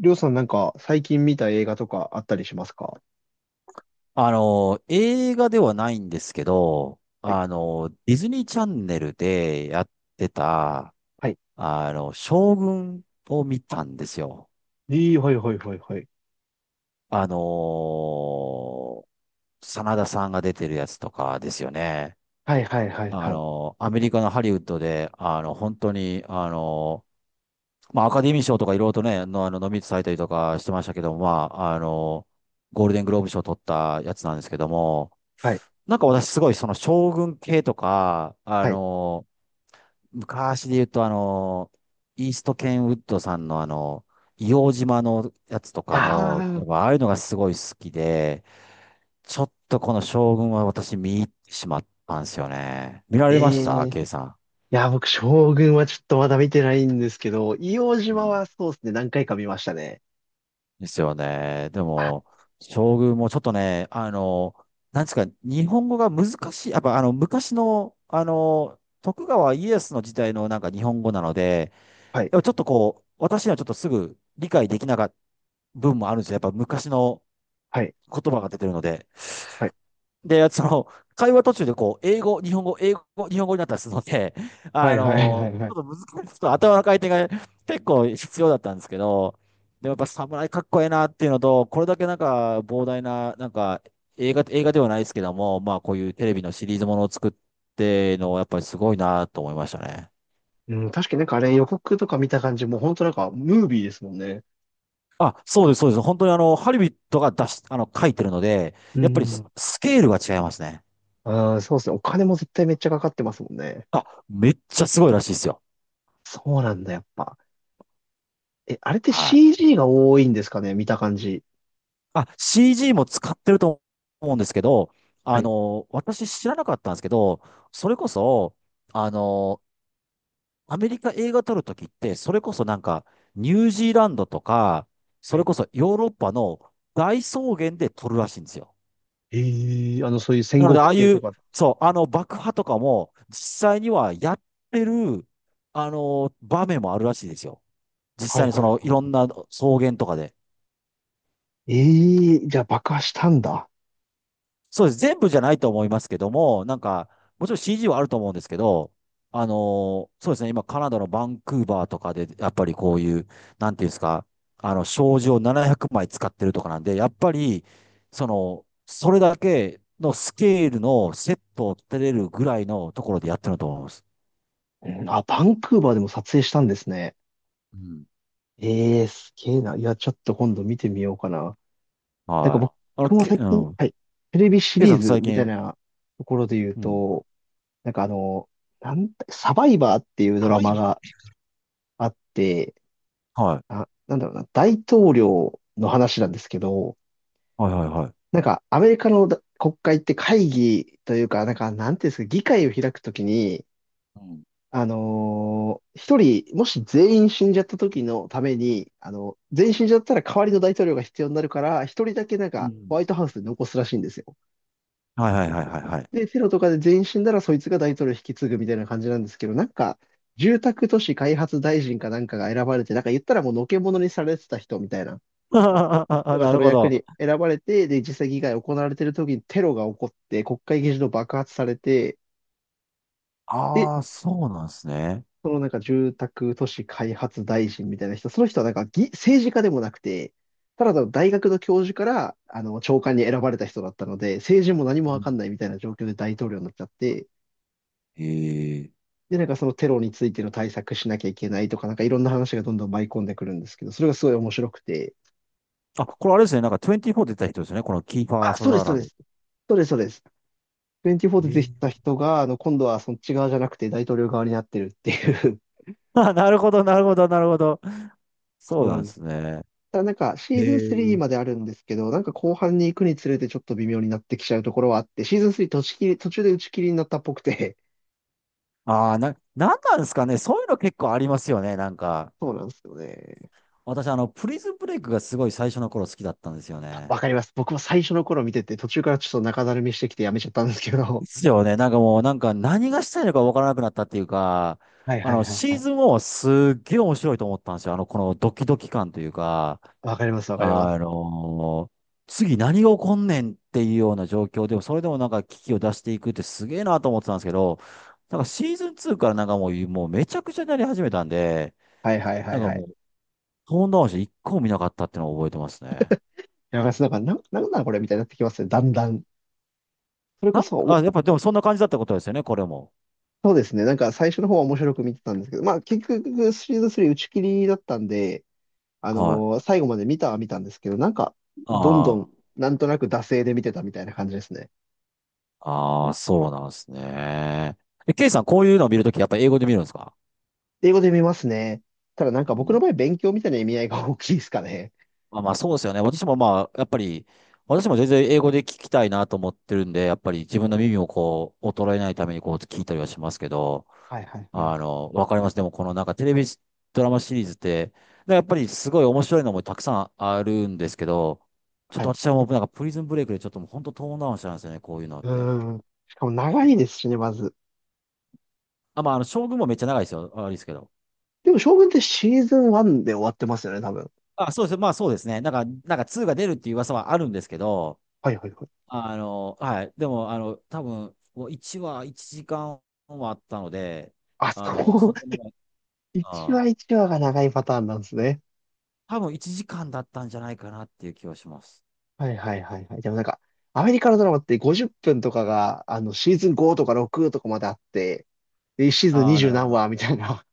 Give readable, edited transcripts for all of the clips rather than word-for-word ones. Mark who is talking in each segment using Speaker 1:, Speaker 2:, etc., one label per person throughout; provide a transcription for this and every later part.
Speaker 1: りょうさんなんか最近見た映画とかあったりしますか？
Speaker 2: 映画ではないんですけど、
Speaker 1: はい、
Speaker 2: ディズニーチャンネルでやってた、
Speaker 1: はい、
Speaker 2: 将軍を見
Speaker 1: あ、
Speaker 2: たんですよ。
Speaker 1: いい、はい、はい、はい、はい。
Speaker 2: あの、真田さんが出てるやつとかですよね。
Speaker 1: はい、はい、はい、はい、
Speaker 2: アメリカのハリウッドで、本当に、まあ、アカデミー賞とかいろいろとね、の、あの、ノミネートされたりとかしてましたけども、まあ、ゴールデングローブ賞取ったやつなんですけども、
Speaker 1: はい、
Speaker 2: なんか私すごいその将軍系とか、
Speaker 1: はい。
Speaker 2: 昔で言うとイーストケンウッドさんの硫黄島のやつとか
Speaker 1: あ
Speaker 2: の、
Speaker 1: あ、
Speaker 2: やっぱああいうのがすごい好きで、ちょっとこの将軍は私見入ってしまったんですよね。見ら
Speaker 1: え
Speaker 2: れました
Speaker 1: え、い
Speaker 2: ケイさん？
Speaker 1: や、僕、将軍はちょっとまだ見てないんですけど、硫黄
Speaker 2: う
Speaker 1: 島は
Speaker 2: ん。
Speaker 1: そうですね、何回か見ましたね。
Speaker 2: ですよね。で
Speaker 1: あ、
Speaker 2: も、将軍もちょっとね、なんですか、日本語が難しい。やっぱ昔の、徳川家康の時代のなんか日本語なので、
Speaker 1: はい、
Speaker 2: でもちょっとこう、私にはちょっとすぐ理解できなかった分もあるんですよ。やっぱ昔の
Speaker 1: はい、
Speaker 2: 言葉が出てるので。
Speaker 1: はい、
Speaker 2: で、会話途中でこう、英語、日本語、英語、日本語になったりするので、
Speaker 1: はい、はい、はい、はい。
Speaker 2: ちょっと難しい、ちょっと頭の回転が結構必要だったんですけど、でもやっぱ侍かっこええなっていうのと、これだけなんか膨大な、なんか映画、映画ではないですけども、まあこういうテレビのシリーズものを作っての、やっぱりすごいなと思いましたね。
Speaker 1: うん、確かになんかあれ予告とか見た感じ、もう本当なんかムービーですもんね。
Speaker 2: あ、そうです、そうです。本当にハリビットが出し、書いてるので、
Speaker 1: う
Speaker 2: やっぱり
Speaker 1: ん、
Speaker 2: スケールが違いますね。
Speaker 1: ああ、そうですね、お金も絶対めっちゃかかってますもんね。
Speaker 2: あ、めっちゃすごいらしいですよ。
Speaker 1: そうなんだ、やっぱ。え、あれって
Speaker 2: はい。
Speaker 1: CG が多いんですかね、見た感じ。
Speaker 2: あ、CG も使ってると思うんですけど、
Speaker 1: はい。
Speaker 2: 私知らなかったんですけど、それこそ、あの、アメリカ映画撮るときって、それこそなんか、ニュージーランドとか、
Speaker 1: は
Speaker 2: それ
Speaker 1: い。
Speaker 2: こそヨーロッパの大草原で撮るらしいんですよ。
Speaker 1: ええ、あの、そういう戦
Speaker 2: なの
Speaker 1: 国
Speaker 2: で、ああ
Speaker 1: 系
Speaker 2: い
Speaker 1: と
Speaker 2: う、
Speaker 1: か。
Speaker 2: そう、爆破とかも、実際にはやってる、場面もあるらしいですよ。実
Speaker 1: はい、
Speaker 2: 際に
Speaker 1: はい、はい、
Speaker 2: いろん
Speaker 1: は
Speaker 2: な草原とかで。
Speaker 1: い。ええ、じゃあ爆破したんだ。
Speaker 2: そうです。全部じゃないと思いますけども、なんか、もちろん CG はあると思うんですけど、そうですね、今、カナダのバンクーバーとかで、やっぱりこういう、なんていうんですか、障子を700枚使ってるとかなんで、やっぱり、それだけのスケールのセットを立てれるぐらいのところでやってると思います。
Speaker 1: うん、あ、バンクーバーでも撮影したんですね。
Speaker 2: うん。
Speaker 1: ええ、すげえな。いや、ちょっと今度見てみようかな。なんか
Speaker 2: はい。
Speaker 1: 僕も最
Speaker 2: う
Speaker 1: 近、
Speaker 2: ん。
Speaker 1: はい。テレビシ
Speaker 2: ケイ
Speaker 1: リ
Speaker 2: さ
Speaker 1: ー
Speaker 2: ん
Speaker 1: ズ
Speaker 2: 最
Speaker 1: みたい
Speaker 2: 近、
Speaker 1: なところで言う
Speaker 2: うん。
Speaker 1: と、なんかあの、なんだ、サバイバーっていうドラ
Speaker 2: 甘い
Speaker 1: マ
Speaker 2: の。
Speaker 1: があって、あ、なんだろうな、大統領の話なんですけど、
Speaker 2: はいはいはい。
Speaker 1: なんか、アメリカのだ国会って会議というか、なんか、なんていうんですか、議会を開くときに、
Speaker 2: うん。
Speaker 1: 一人、もし全員死んじゃった時のために、あの、全員死んじゃったら代わりの大統領が必要になるから、一人だけなん
Speaker 2: う
Speaker 1: か、ホ
Speaker 2: ん。
Speaker 1: ワイトハウスで残すらしいんですよ。
Speaker 2: はいはいはいはいはい。
Speaker 1: で、テロとかで全員死んだら、そいつが大統領を引き継ぐみたいな感じなんですけど、なんか、住宅都市開発大臣かなんかが選ばれて、なんか言ったらもうのけ者にされてた人みたいな人
Speaker 2: あ、
Speaker 1: が
Speaker 2: な
Speaker 1: そ
Speaker 2: る
Speaker 1: の
Speaker 2: ほ
Speaker 1: 役
Speaker 2: ど。
Speaker 1: に選ばれて、で、実際議会が行われてる時にテロが起こって、国会議事堂爆発されて、で、
Speaker 2: ああ、そうなんですね。
Speaker 1: そのなんか住宅都市開発大臣みたいな人、その人はなんか議政治家でもなくて、ただの大学の教授からあの長官に選ばれた人だったので、政治も何も
Speaker 2: う
Speaker 1: わかん
Speaker 2: ん。
Speaker 1: ないみたいな状況で大統領になっちゃって、
Speaker 2: ええ
Speaker 1: で、なんかそのテロについての対策しなきゃいけないとか、なんかいろんな話がどんどん舞い込んでくるんですけど、それがすごい面白くて、
Speaker 2: あ、これあれですね。なんか24出た人ですよね。このキーファー・
Speaker 1: あ、
Speaker 2: サ
Speaker 1: そうで
Speaker 2: ザ
Speaker 1: す、
Speaker 2: ー
Speaker 1: そ
Speaker 2: ラ
Speaker 1: う
Speaker 2: ン
Speaker 1: で
Speaker 2: ドっ
Speaker 1: す、
Speaker 2: て。
Speaker 1: そうです、そうです。24で出
Speaker 2: え
Speaker 1: て
Speaker 2: え
Speaker 1: た人が、あの、今度はそっち側じゃなくて大統領側になってるっていう。
Speaker 2: あ、なるほど、なるほど、なるほど。そう
Speaker 1: そう
Speaker 2: な
Speaker 1: な
Speaker 2: んで
Speaker 1: んです。
Speaker 2: すね。
Speaker 1: ただなんか、
Speaker 2: へ
Speaker 1: シーズン3
Speaker 2: え。
Speaker 1: まであるんですけど、なんか後半に行くにつれてちょっと微妙になってきちゃうところはあって、シーズン3途中切り、途中で打ち切りになったっぽくて、
Speaker 2: ああ、なんなんですかね。そういうの結構ありますよね。なんか。
Speaker 1: そうなんですよね。
Speaker 2: 私、プリズンブレイクがすごい最初の頃好きだったんですよね。
Speaker 1: わかります。僕も最初の頃見てて、途中からちょっと中だるみしてきてやめちゃったんですけど、
Speaker 2: ですよね。なんかもう、なんか何がしたいのかわからなくなったっていうか、
Speaker 1: はい、はい、はい、は
Speaker 2: シー
Speaker 1: い。
Speaker 2: ズン1はすっげえ面白いと思ったんですよ。このドキドキ感というか、
Speaker 1: わかります、わかります。
Speaker 2: あの次何が起こんねんっていうような状況でも、それでもなんか危機を出していくってすげえなと思ってたんですけど、なんかシーズン2からなんかもうめちゃくちゃになり始めたんで、
Speaker 1: はい、はい、は
Speaker 2: な
Speaker 1: い、
Speaker 2: んか
Speaker 1: はい。
Speaker 2: もう、トーンダウンして一個も見なかったっていうのを覚えてますね。
Speaker 1: いや、なんか、なんなんこれみたいになってきますね。だんだん。それこ
Speaker 2: なんか、
Speaker 1: そ
Speaker 2: あ、やっぱでもそんな感じだったことですよね、これも。
Speaker 1: そうですね。なんか最初の方は面白く見てたんですけど、まあ結局シリーズ3打ち切りだったんで、
Speaker 2: はい。
Speaker 1: 最後まで見たは見たんですけど、なんかどんど
Speaker 2: あ
Speaker 1: んなんとなく惰性で見てたみたいな感じですね。
Speaker 2: ああ、そうなんですね。え、ケイさん、こういうのを見るとき、やっぱり英語で見るんですか？
Speaker 1: 英語で見ますね。ただなん
Speaker 2: う
Speaker 1: か僕の
Speaker 2: ん。
Speaker 1: 場合勉強みたいな意味合いが大きいですかね。
Speaker 2: まあまあ、そうですよね。私もまあ、やっぱり、私も全然英語で聞きたいなと思ってるんで、やっぱり自分の耳をこう、衰えないためにこう、聞いたりはしますけど、
Speaker 1: はい、はい、はい。
Speaker 2: わかります。でも、このなんかテレビドラマシリーズって、でやっぱりすごい面白いのもたくさんあるんですけど、ちょっ
Speaker 1: は
Speaker 2: と
Speaker 1: い。
Speaker 2: 私はもうなんかプリズンブレイクでちょっともう本当トーンダウンしたんですよね、こういうのっ
Speaker 1: う
Speaker 2: て。
Speaker 1: ーん。しかも長いですしね、まず。
Speaker 2: あ、まあ、将軍もめっちゃ長いですよ。あれですけど。
Speaker 1: でも将軍ってシーズン1で終わってますよね、多分。
Speaker 2: あ、そうです。まあそうですね。なんか、なんか2が出るっていう噂はあるんですけど、
Speaker 1: はい、はい、はい。
Speaker 2: はい。でも、多分、もう1話1時間はあったので、
Speaker 1: あ、そう。
Speaker 2: 相 当長い、
Speaker 1: 1
Speaker 2: あー、
Speaker 1: 話1話が長いパターンなんですね。
Speaker 2: 多分1時間だったんじゃないかなっていう気はします。
Speaker 1: はい、はい、はい、はい。でもなんか、アメリカのドラマって50分とかが、あの、シーズン5
Speaker 2: う
Speaker 1: とか
Speaker 2: ん、
Speaker 1: 6とかまであって、で、1シーズン
Speaker 2: ああ、な
Speaker 1: 20
Speaker 2: るほ
Speaker 1: 何
Speaker 2: ど。
Speaker 1: 話みたいな。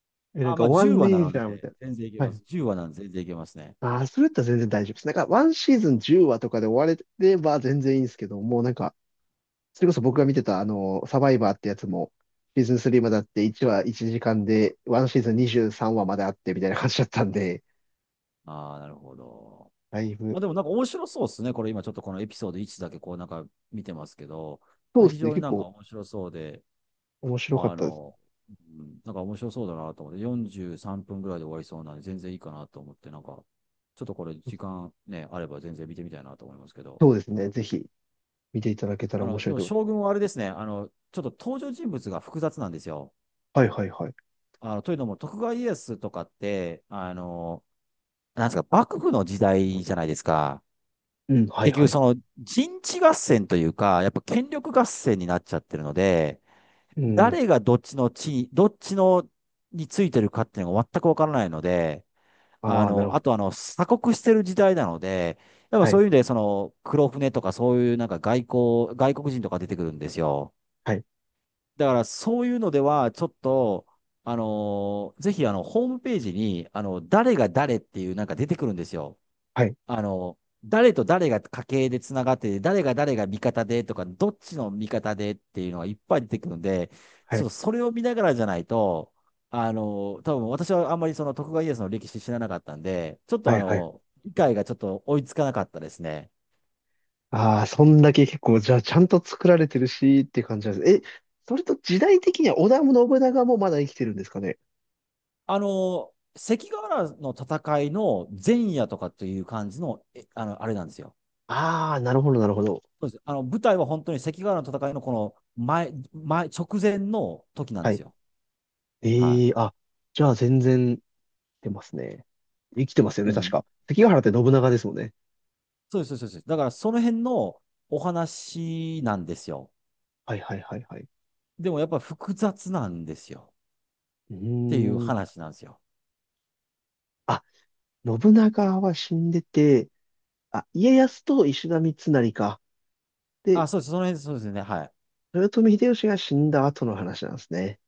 Speaker 1: え、な
Speaker 2: あ
Speaker 1: ん
Speaker 2: ー、
Speaker 1: か
Speaker 2: まあ
Speaker 1: 終
Speaker 2: 10
Speaker 1: わんね
Speaker 2: 話な
Speaker 1: え
Speaker 2: の
Speaker 1: じゃん、みた
Speaker 2: で、
Speaker 1: い
Speaker 2: 全然いけ
Speaker 1: な。は
Speaker 2: ま
Speaker 1: い。
Speaker 2: す。10話なんで全然いけますね。
Speaker 1: ああ、それだったら全然大丈夫です。なんか、1シーズン10話とかで終われれば全然いいんですけど、もうなんか、それこそ僕が見てた、あの、サバイバーってやつも、シーズン3まであって、1話1時間で、1シーズン23話まであって、みたいな感じだったんで、
Speaker 2: ああ、なるほど。
Speaker 1: だい
Speaker 2: ま
Speaker 1: ぶ、
Speaker 2: あでもなんか面白そうですね。これ今ちょっとこのエピソード1だけこうなんか見てますけど、
Speaker 1: そ
Speaker 2: ま
Speaker 1: う
Speaker 2: あ
Speaker 1: で
Speaker 2: 非
Speaker 1: すね、
Speaker 2: 常に
Speaker 1: 結
Speaker 2: なんか
Speaker 1: 構
Speaker 2: 面白そうで、
Speaker 1: 面白かっ
Speaker 2: あ
Speaker 1: たです。
Speaker 2: の、うん、なんか面白そうだなと思って、43分ぐらいで終わりそうなんで、全然いいかなと思って、なんか、ちょっとこれ、時間ね、あれば全然見てみたいなと思いますけど、
Speaker 1: そうですね、ぜひ見ていただけたら面白
Speaker 2: で
Speaker 1: い
Speaker 2: も
Speaker 1: と思いま
Speaker 2: 将
Speaker 1: す。
Speaker 2: 軍はあれですね、ちょっと登場人物が複雑なんですよ。
Speaker 1: はい、はい、はい。
Speaker 2: というのも、徳川家康とかって、なんですか、幕府の時代じゃないですか。
Speaker 1: うん、はい、
Speaker 2: 結
Speaker 1: は
Speaker 2: 局、
Speaker 1: い。
Speaker 2: その人地合戦というか、やっぱ権力合戦になっちゃってるので、
Speaker 1: うん。
Speaker 2: 誰がどっちの地位、どっちのについてるかっていうのが全くわからないので、
Speaker 1: ああ、なるほ
Speaker 2: あ
Speaker 1: ど。
Speaker 2: と鎖国してる時代なので、やっぱ
Speaker 1: は
Speaker 2: そ
Speaker 1: い、
Speaker 2: ういう意味で、黒船とかそういうなんか外交、外国人とか出てくるんですよ。
Speaker 1: はい、
Speaker 2: だからそういうのでは、ちょっと、ぜひホームページに、誰が誰っていうなんか出てくるんですよ。
Speaker 1: はい、
Speaker 2: 誰と誰が家系でつながってて、誰が誰が味方でとか、どっちの味方でっていうのがいっぱい出てくるんで、
Speaker 1: は
Speaker 2: そ
Speaker 1: い、
Speaker 2: う、それを見ながらじゃないと、多分私はあんまりその徳川家康の歴史知らなかったんで、ちょっと
Speaker 1: はい、はい。
Speaker 2: 理解がちょっと追いつかなかったですね。
Speaker 1: ああ、そんだけ結構、じゃあ、ちゃんと作られてるし、っていう感じなんです。え、それと時代的には織田信長もまだ生きてるんですかね？
Speaker 2: 関ヶ原の戦いの前夜とかという感じの、えあの、あれなんですよ。
Speaker 1: ああ、なるほど、なるほど。
Speaker 2: そうです。舞台は本当に関ヶ原の戦いのこの直前の時なん
Speaker 1: は
Speaker 2: です
Speaker 1: い。
Speaker 2: よ。は
Speaker 1: ええ、あ、じゃあ、全然、出ますね。生きてますよ
Speaker 2: い。
Speaker 1: ね、
Speaker 2: う
Speaker 1: 確
Speaker 2: ん。
Speaker 1: か。関ヶ原って信長ですもんね。
Speaker 2: そうです、そうです。そうです。だからその辺のお話なんですよ。
Speaker 1: はい、はい、はい、はい。
Speaker 2: でもやっぱ複雑なんですよ。
Speaker 1: う
Speaker 2: っていう
Speaker 1: ーん。
Speaker 2: 話なんですよ。
Speaker 1: あ、信長は死んでて、あ、家康と石田三成か。で、
Speaker 2: あ、そうです。その辺、そうですね。は
Speaker 1: 豊臣秀吉が死んだ後の話なんですね。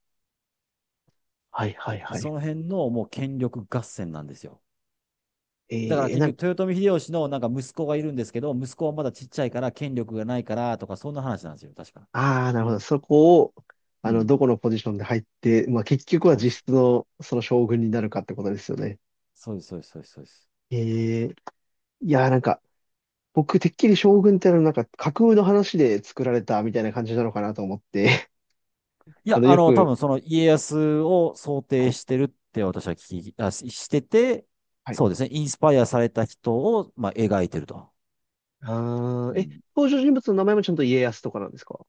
Speaker 1: はい、はい、
Speaker 2: い。
Speaker 1: はい。
Speaker 2: その辺のもう権力合戦なんですよ。だから
Speaker 1: な
Speaker 2: 結
Speaker 1: んか、
Speaker 2: 局、豊臣秀吉のなんか息子がいるんですけど、息子はまだちっちゃいから権力がないからとか、そんな話なんですよ。確か。
Speaker 1: ああ、なるほど。そこを、
Speaker 2: う
Speaker 1: あの、
Speaker 2: ん。
Speaker 1: どこのポジションで入って、まあ結局は
Speaker 2: そうで
Speaker 1: 実
Speaker 2: す。
Speaker 1: 質のその将軍になるかってことですよね。
Speaker 2: そうです、そうです、そうです。そうです。
Speaker 1: えー、いやーなんか、僕てっきり将軍ってのはなんか架空の話で作られたみたいな感じなのかなと思って、
Speaker 2: い
Speaker 1: あ
Speaker 2: や、
Speaker 1: の、よ
Speaker 2: 多
Speaker 1: く、
Speaker 2: 分その家康を想
Speaker 1: は
Speaker 2: 定
Speaker 1: い、
Speaker 2: してるって私は聞き、あ、ししてて、
Speaker 1: はい。
Speaker 2: そうですね。インスパイアされた人を、まあ、描いてると。
Speaker 1: あ
Speaker 2: う
Speaker 1: あ、え、
Speaker 2: ん。
Speaker 1: 登場人物の名前もちゃんと家康とかなんですか？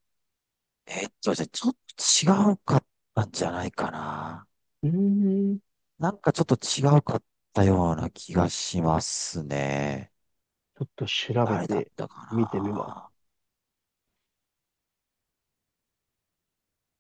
Speaker 2: じゃあ、ちょっと違うかったんじゃないかな。
Speaker 1: うーん、ち
Speaker 2: なんかちょっと違うかったような気がしますね。
Speaker 1: ょっと調べ
Speaker 2: 誰だっ
Speaker 1: て
Speaker 2: たか
Speaker 1: 見てみます。
Speaker 2: な。